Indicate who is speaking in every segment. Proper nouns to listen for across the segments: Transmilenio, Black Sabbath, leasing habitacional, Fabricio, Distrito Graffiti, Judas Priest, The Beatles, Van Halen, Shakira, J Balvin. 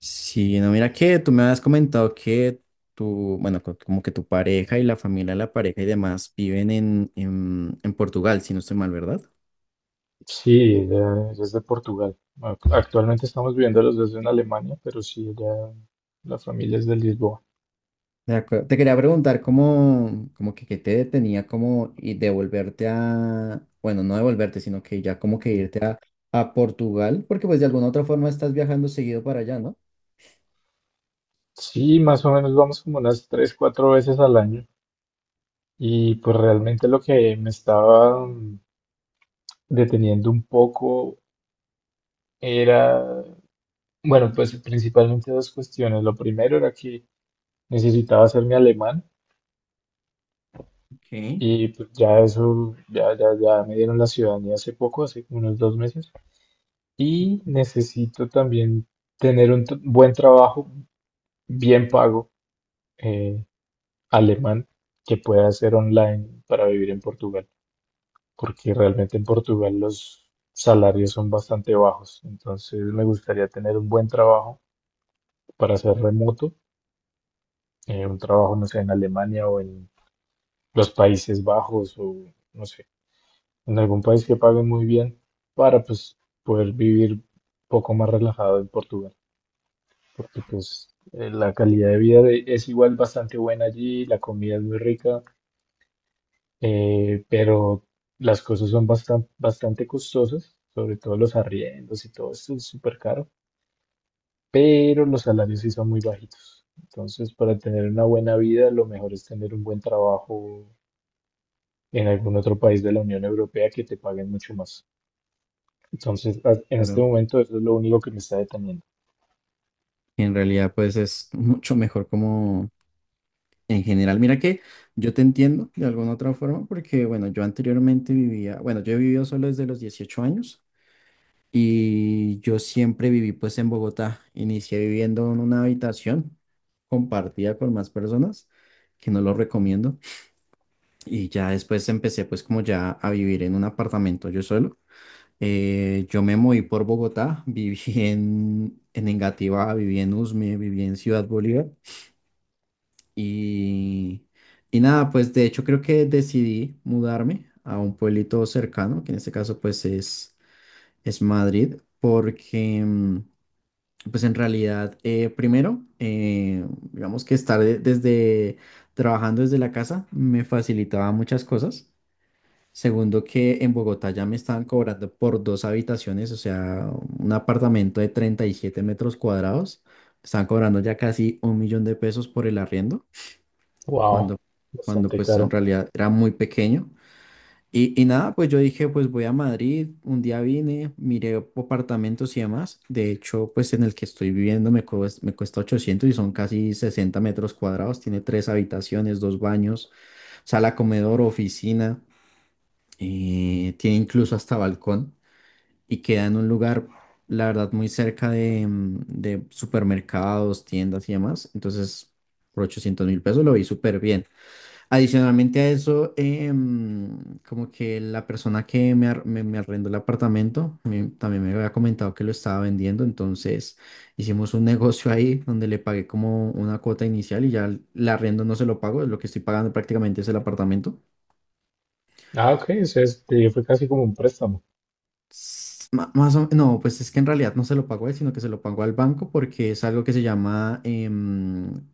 Speaker 1: Sí, no, mira que tú me habías comentado que tu, bueno, como que tu pareja y la familia de la pareja y demás viven en Portugal, si no estoy mal, ¿verdad?
Speaker 2: Sí, ella es de Portugal. Actualmente estamos viviendo los dos en Alemania, pero sí, ella, la familia es de Lisboa.
Speaker 1: De acuerdo. Te quería preguntar cómo, como que, qué te detenía como y devolverte a, bueno, no devolverte, sino que ya como que a Portugal, porque pues de alguna u otra forma estás viajando seguido para allá, ¿no?
Speaker 2: Sí, más o menos vamos como unas 3, 4 veces al año. Y pues realmente lo que me estaba deteniendo un poco era, bueno, pues principalmente dos cuestiones. Lo primero era que necesitaba hacer mi alemán
Speaker 1: Ok,
Speaker 2: y pues ya eso, ya, ya, ya me dieron la ciudadanía hace poco, hace como unos 2 meses. Y necesito también tener un buen trabajo, bien pago, eh, alemán, que pueda hacer online para vivir en Portugal, porque realmente en Portugal los salarios son bastante bajos. Entonces me gustaría tener un buen trabajo para ser remoto, un trabajo, no sé, en Alemania o en los Países Bajos o, no sé, en algún país que pague muy bien para pues poder vivir un poco más relajado en Portugal. Porque pues la calidad de vida es igual bastante buena allí, la comida es muy rica, pero las cosas son bastante, bastante costosas, sobre todo los arriendos y todo esto es súper caro, pero los salarios sí son muy bajitos. Entonces, para tener una buena vida, lo mejor es tener un buen trabajo en algún otro país de la Unión Europea que te paguen mucho más. Entonces, en este
Speaker 1: claro.
Speaker 2: momento, eso es lo único que me está deteniendo.
Speaker 1: Y en realidad pues es mucho mejor como. En general, mira que yo te entiendo de alguna otra forma porque, bueno, yo anteriormente vivía, bueno, yo he vivido solo desde los 18 años y yo siempre viví pues en Bogotá. Inicié viviendo en una habitación compartida con más personas, que no lo recomiendo. Y ya después empecé pues como ya a vivir en un apartamento yo solo. Yo me moví por Bogotá, viví en Engativá, viví en Usme, viví en Ciudad Bolívar. Y, y nada, pues de hecho creo que decidí mudarme a un pueblito cercano, que en este caso es Madrid, porque pues en realidad primero, digamos que desde trabajando desde la casa me facilitaba muchas cosas. Segundo, que en Bogotá ya me estaban cobrando por dos habitaciones, o sea, un apartamento de 37 metros cuadrados, me estaban cobrando ya casi un millón de pesos por el arriendo cuando,
Speaker 2: Wow,
Speaker 1: cuando
Speaker 2: bastante
Speaker 1: pues en
Speaker 2: caro.
Speaker 1: realidad era muy pequeño. Y nada, pues yo dije, pues voy a Madrid, un día vine, miré apartamentos y demás. De hecho, pues en el que estoy viviendo me cuesta 800 y son casi 60 metros cuadrados. Tiene tres habitaciones, dos baños, sala, comedor, oficina. Tiene incluso hasta balcón y queda en un lugar, la verdad, muy cerca de, de supermercados, tiendas y demás. Entonces, por 800 mil pesos lo vi súper bien. Adicionalmente a eso, como que la persona que me arrendó el apartamento también me había comentado que lo estaba vendiendo, entonces hicimos un negocio ahí donde le pagué como una cuota inicial y ya el arriendo no se lo pago, lo que estoy pagando prácticamente es el apartamento.
Speaker 2: Ah, ok, o sea, fue casi como un préstamo.
Speaker 1: Más no, pues es que en realidad no se lo pago a él, sino que se lo pago al banco porque es algo que se llama,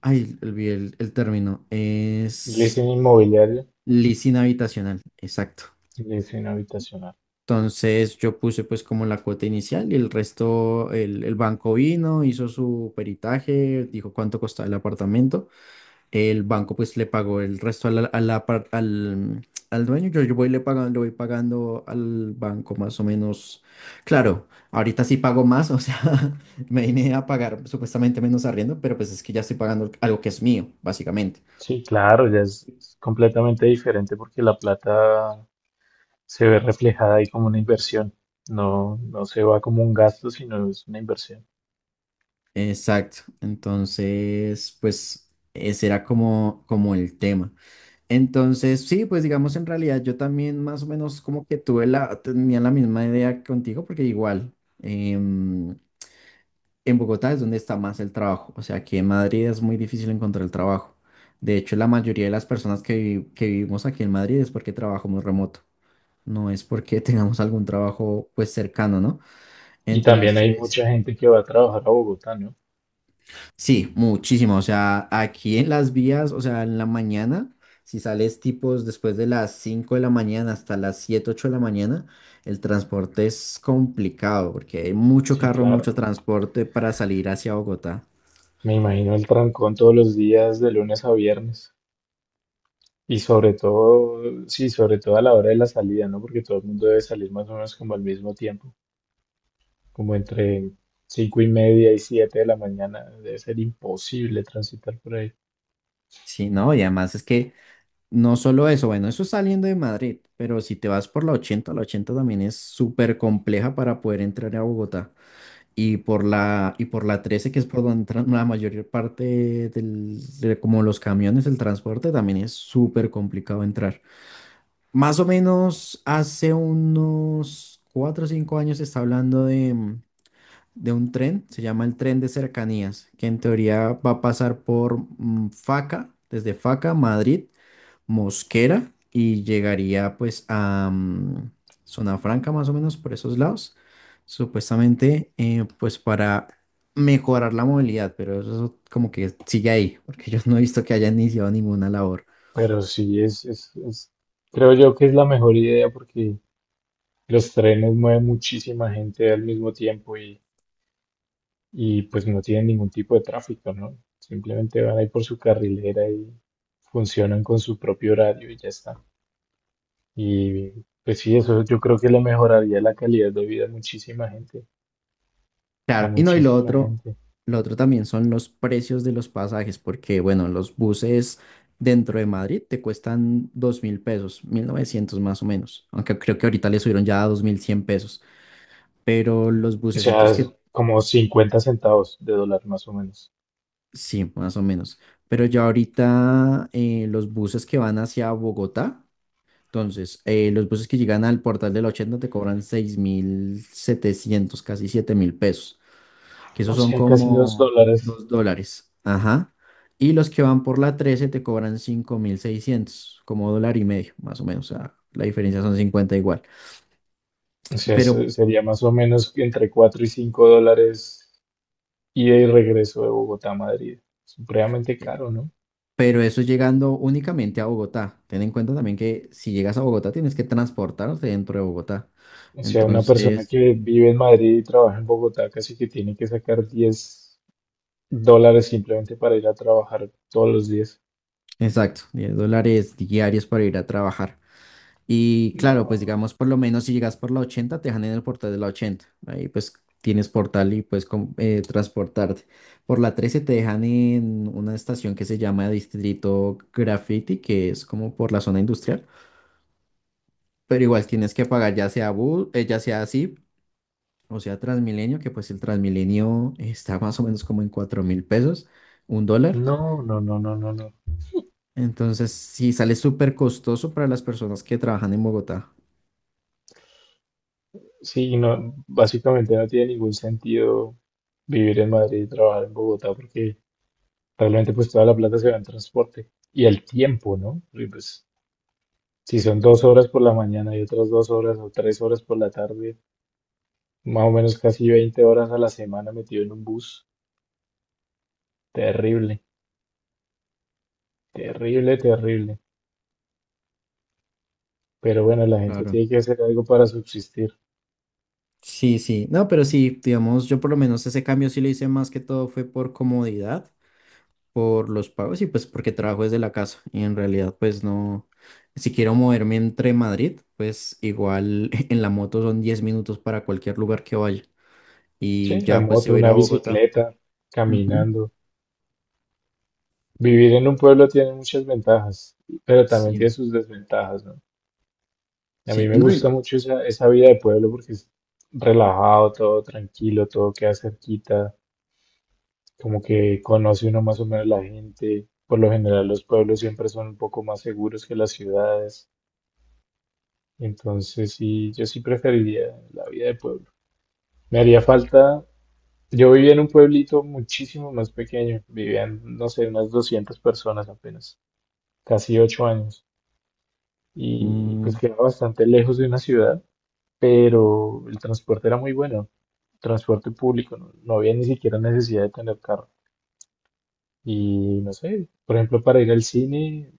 Speaker 1: ay, olvidé el término, es
Speaker 2: Leasing inmobiliario,
Speaker 1: leasing habitacional, exacto.
Speaker 2: leasing habitacional.
Speaker 1: Entonces yo puse pues como la cuota inicial y el resto, el banco vino, hizo su peritaje, dijo cuánto costaba el apartamento. El banco pues le pagó el resto a a al dueño. Yo voy le pagando, le voy pagando al banco más o menos. Claro, ahorita sí pago más, o sea, me vine a pagar supuestamente menos arriendo, pero pues es que ya estoy pagando algo que es mío, básicamente.
Speaker 2: Sí, claro, ya es completamente diferente porque la plata se ve reflejada ahí como una inversión. No, no se va como un gasto, sino es una inversión.
Speaker 1: Exacto. Entonces, pues ese era como, como el tema. Entonces, sí, pues digamos, en realidad yo también más o menos como que tuve tenía la misma idea que contigo, porque igual em, en Bogotá es donde está más el trabajo, o sea aquí en Madrid es muy difícil encontrar el trabajo. De hecho, la mayoría de las personas que vivimos aquí en Madrid es porque trabajamos remoto, no es porque tengamos algún trabajo pues cercano, ¿no?
Speaker 2: Y también hay
Speaker 1: Entonces,
Speaker 2: mucha gente que va a trabajar a Bogotá, ¿no?
Speaker 1: sí, muchísimo. O sea, aquí en las vías, o sea, en la mañana, si sales tipos después de las 5 de la mañana hasta las 7 8 de la mañana, el transporte es complicado porque hay mucho
Speaker 2: Sí,
Speaker 1: carro, mucho
Speaker 2: claro.
Speaker 1: transporte para salir hacia Bogotá.
Speaker 2: Me imagino el trancón todos los días, de lunes a viernes. Y sobre todo, sí, sobre todo a la hora de la salida, ¿no? Porque todo el mundo debe salir más o menos como al mismo tiempo. Como entre 5:30 y 7 de la mañana, debe ser imposible transitar por ahí.
Speaker 1: Sí, no, y además es que no solo eso, bueno, eso es saliendo de Madrid, pero si te vas por la 80 también es súper compleja para poder entrar a Bogotá. Y por la 13 que es por donde entran la mayor parte de como los camiones, el transporte, también es súper complicado entrar. Más o menos hace unos 4 o 5 años se está hablando de, de un tren, se llama el tren de cercanías, que en teoría va a pasar por Faca, desde Faca, Madrid, Mosquera y llegaría pues a Zona Franca más o menos por esos lados, supuestamente pues para mejorar la movilidad, pero eso como que sigue ahí, porque yo no he visto que hayan iniciado ninguna labor.
Speaker 2: Pero sí, creo yo que es la mejor idea porque los trenes mueven muchísima gente al mismo tiempo y pues no tienen ningún tipo de tráfico, ¿no? Simplemente van ahí por su carrilera y funcionan con su propio horario y ya está. Y pues sí, eso yo creo que le mejoraría la calidad de vida a muchísima gente, a
Speaker 1: Claro, y no, y
Speaker 2: muchísima gente.
Speaker 1: lo otro también son los precios de los pasajes, porque bueno, los buses dentro de Madrid te cuestan dos mil pesos, 1900 más o menos, aunque creo que ahorita le subieron ya a dos mil cien pesos, pero los
Speaker 2: O sea,
Speaker 1: bucecitos
Speaker 2: es
Speaker 1: que.
Speaker 2: como 50 centavos de dólar más o menos.
Speaker 1: Sí, más o menos. Pero ya ahorita los buses que van hacia Bogotá, entonces, los buses que llegan al portal del 80 te cobran 6.700, casi 7.000 pesos, que esos
Speaker 2: O
Speaker 1: son
Speaker 2: sea, casi 2
Speaker 1: como
Speaker 2: dólares.
Speaker 1: 2 dólares. Ajá. Y los que van por la 13 te cobran 5.600, como dólar y medio, más o menos. O sea, la diferencia son 50 igual.
Speaker 2: O sea,
Speaker 1: Pero,
Speaker 2: sería más o menos entre 4 y 5 dólares ida y regreso de Bogotá a Madrid. Supremamente
Speaker 1: eh,
Speaker 2: caro, ¿no?
Speaker 1: pero eso es llegando únicamente a Bogotá. Ten en cuenta también que si llegas a Bogotá tienes que transportarte dentro de Bogotá.
Speaker 2: O sea, una persona
Speaker 1: Entonces,
Speaker 2: que vive en Madrid y trabaja en Bogotá casi que tiene que sacar 10 dólares simplemente para ir a trabajar todos los días.
Speaker 1: exacto, 10 dólares diarios para ir a trabajar. Y claro, pues
Speaker 2: No,
Speaker 1: digamos, por lo menos si llegas por la 80, te dejan en el portal de la 80. Ahí pues tienes portal y puedes transportarte. Por la 13 te dejan en una estación que se llama Distrito Graffiti, que es como por la zona industrial. Pero igual tienes que pagar ya sea bus, ya sea así. O sea, Transmilenio, que pues el Transmilenio está más o menos como en 4 mil pesos, un dólar.
Speaker 2: no, no, no, no, no, no.
Speaker 1: Entonces, sí, sale súper costoso para las personas que trabajan en Bogotá.
Speaker 2: Sí, no, básicamente no tiene ningún sentido vivir en Madrid y trabajar en Bogotá porque realmente pues toda la plata se va en transporte y el tiempo, ¿no? Porque, pues si son 2 horas por la mañana y otras 2 horas o 3 horas por la tarde, más o menos casi 20 horas a la semana metido en un bus, terrible, terrible, terrible. Pero bueno, la gente
Speaker 1: Claro.
Speaker 2: tiene que hacer algo para subsistir.
Speaker 1: Sí, sí. No, pero sí, digamos, yo por lo menos ese cambio sí lo hice más que todo fue por comodidad, por los pagos y pues porque trabajo desde la casa. Y en realidad, pues no, si quiero moverme entre Madrid, pues igual en la moto son 10 minutos para cualquier lugar que vaya.
Speaker 2: Sí,
Speaker 1: Y
Speaker 2: la
Speaker 1: ya pues si
Speaker 2: moto,
Speaker 1: voy a ir
Speaker 2: una
Speaker 1: a Bogotá.
Speaker 2: bicicleta,
Speaker 1: Ujú.
Speaker 2: caminando. Vivir en un pueblo tiene muchas ventajas, pero también
Speaker 1: Sí.
Speaker 2: tiene sus desventajas, ¿no? A mí
Speaker 1: Sí, y
Speaker 2: me
Speaker 1: no, y no.
Speaker 2: gusta mucho esa vida de pueblo porque es relajado, todo tranquilo, todo queda cerquita, como que conoce uno más o menos la gente. Por lo general los pueblos siempre son un poco más seguros que las ciudades. Entonces sí, yo sí preferiría la vida de pueblo. Me haría falta, yo vivía en un pueblito muchísimo más pequeño, vivían, no sé, unas 200 personas apenas, casi 8 años. Y pues
Speaker 1: Mm,
Speaker 2: quedaba bastante lejos de una ciudad, pero el transporte era muy bueno. Transporte público, no, no había ni siquiera necesidad de tener carro. Y no sé, por ejemplo, para ir al cine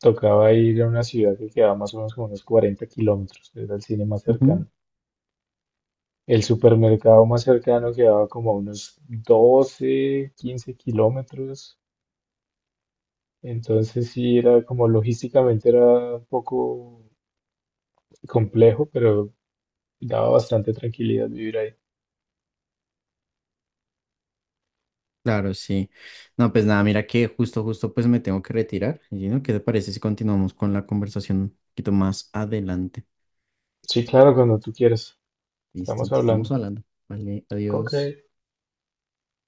Speaker 2: tocaba ir a una ciudad que quedaba más o menos como unos 40 kilómetros, era el cine más
Speaker 1: ujú,
Speaker 2: cercano. El supermercado más cercano quedaba como a unos 12 15 kilómetros. Entonces sí, era como logísticamente era un poco complejo, pero daba bastante tranquilidad vivir ahí.
Speaker 1: claro, sí. No, pues nada, mira que justo, justo, pues me tengo que retirar. Y no, ¿qué te parece si continuamos con la conversación un poquito más adelante?
Speaker 2: Sí, claro, cuando tú quieras.
Speaker 1: Listo,
Speaker 2: Estamos
Speaker 1: entonces estamos
Speaker 2: hablando.
Speaker 1: hablando. Vale,
Speaker 2: Ok.
Speaker 1: adiós.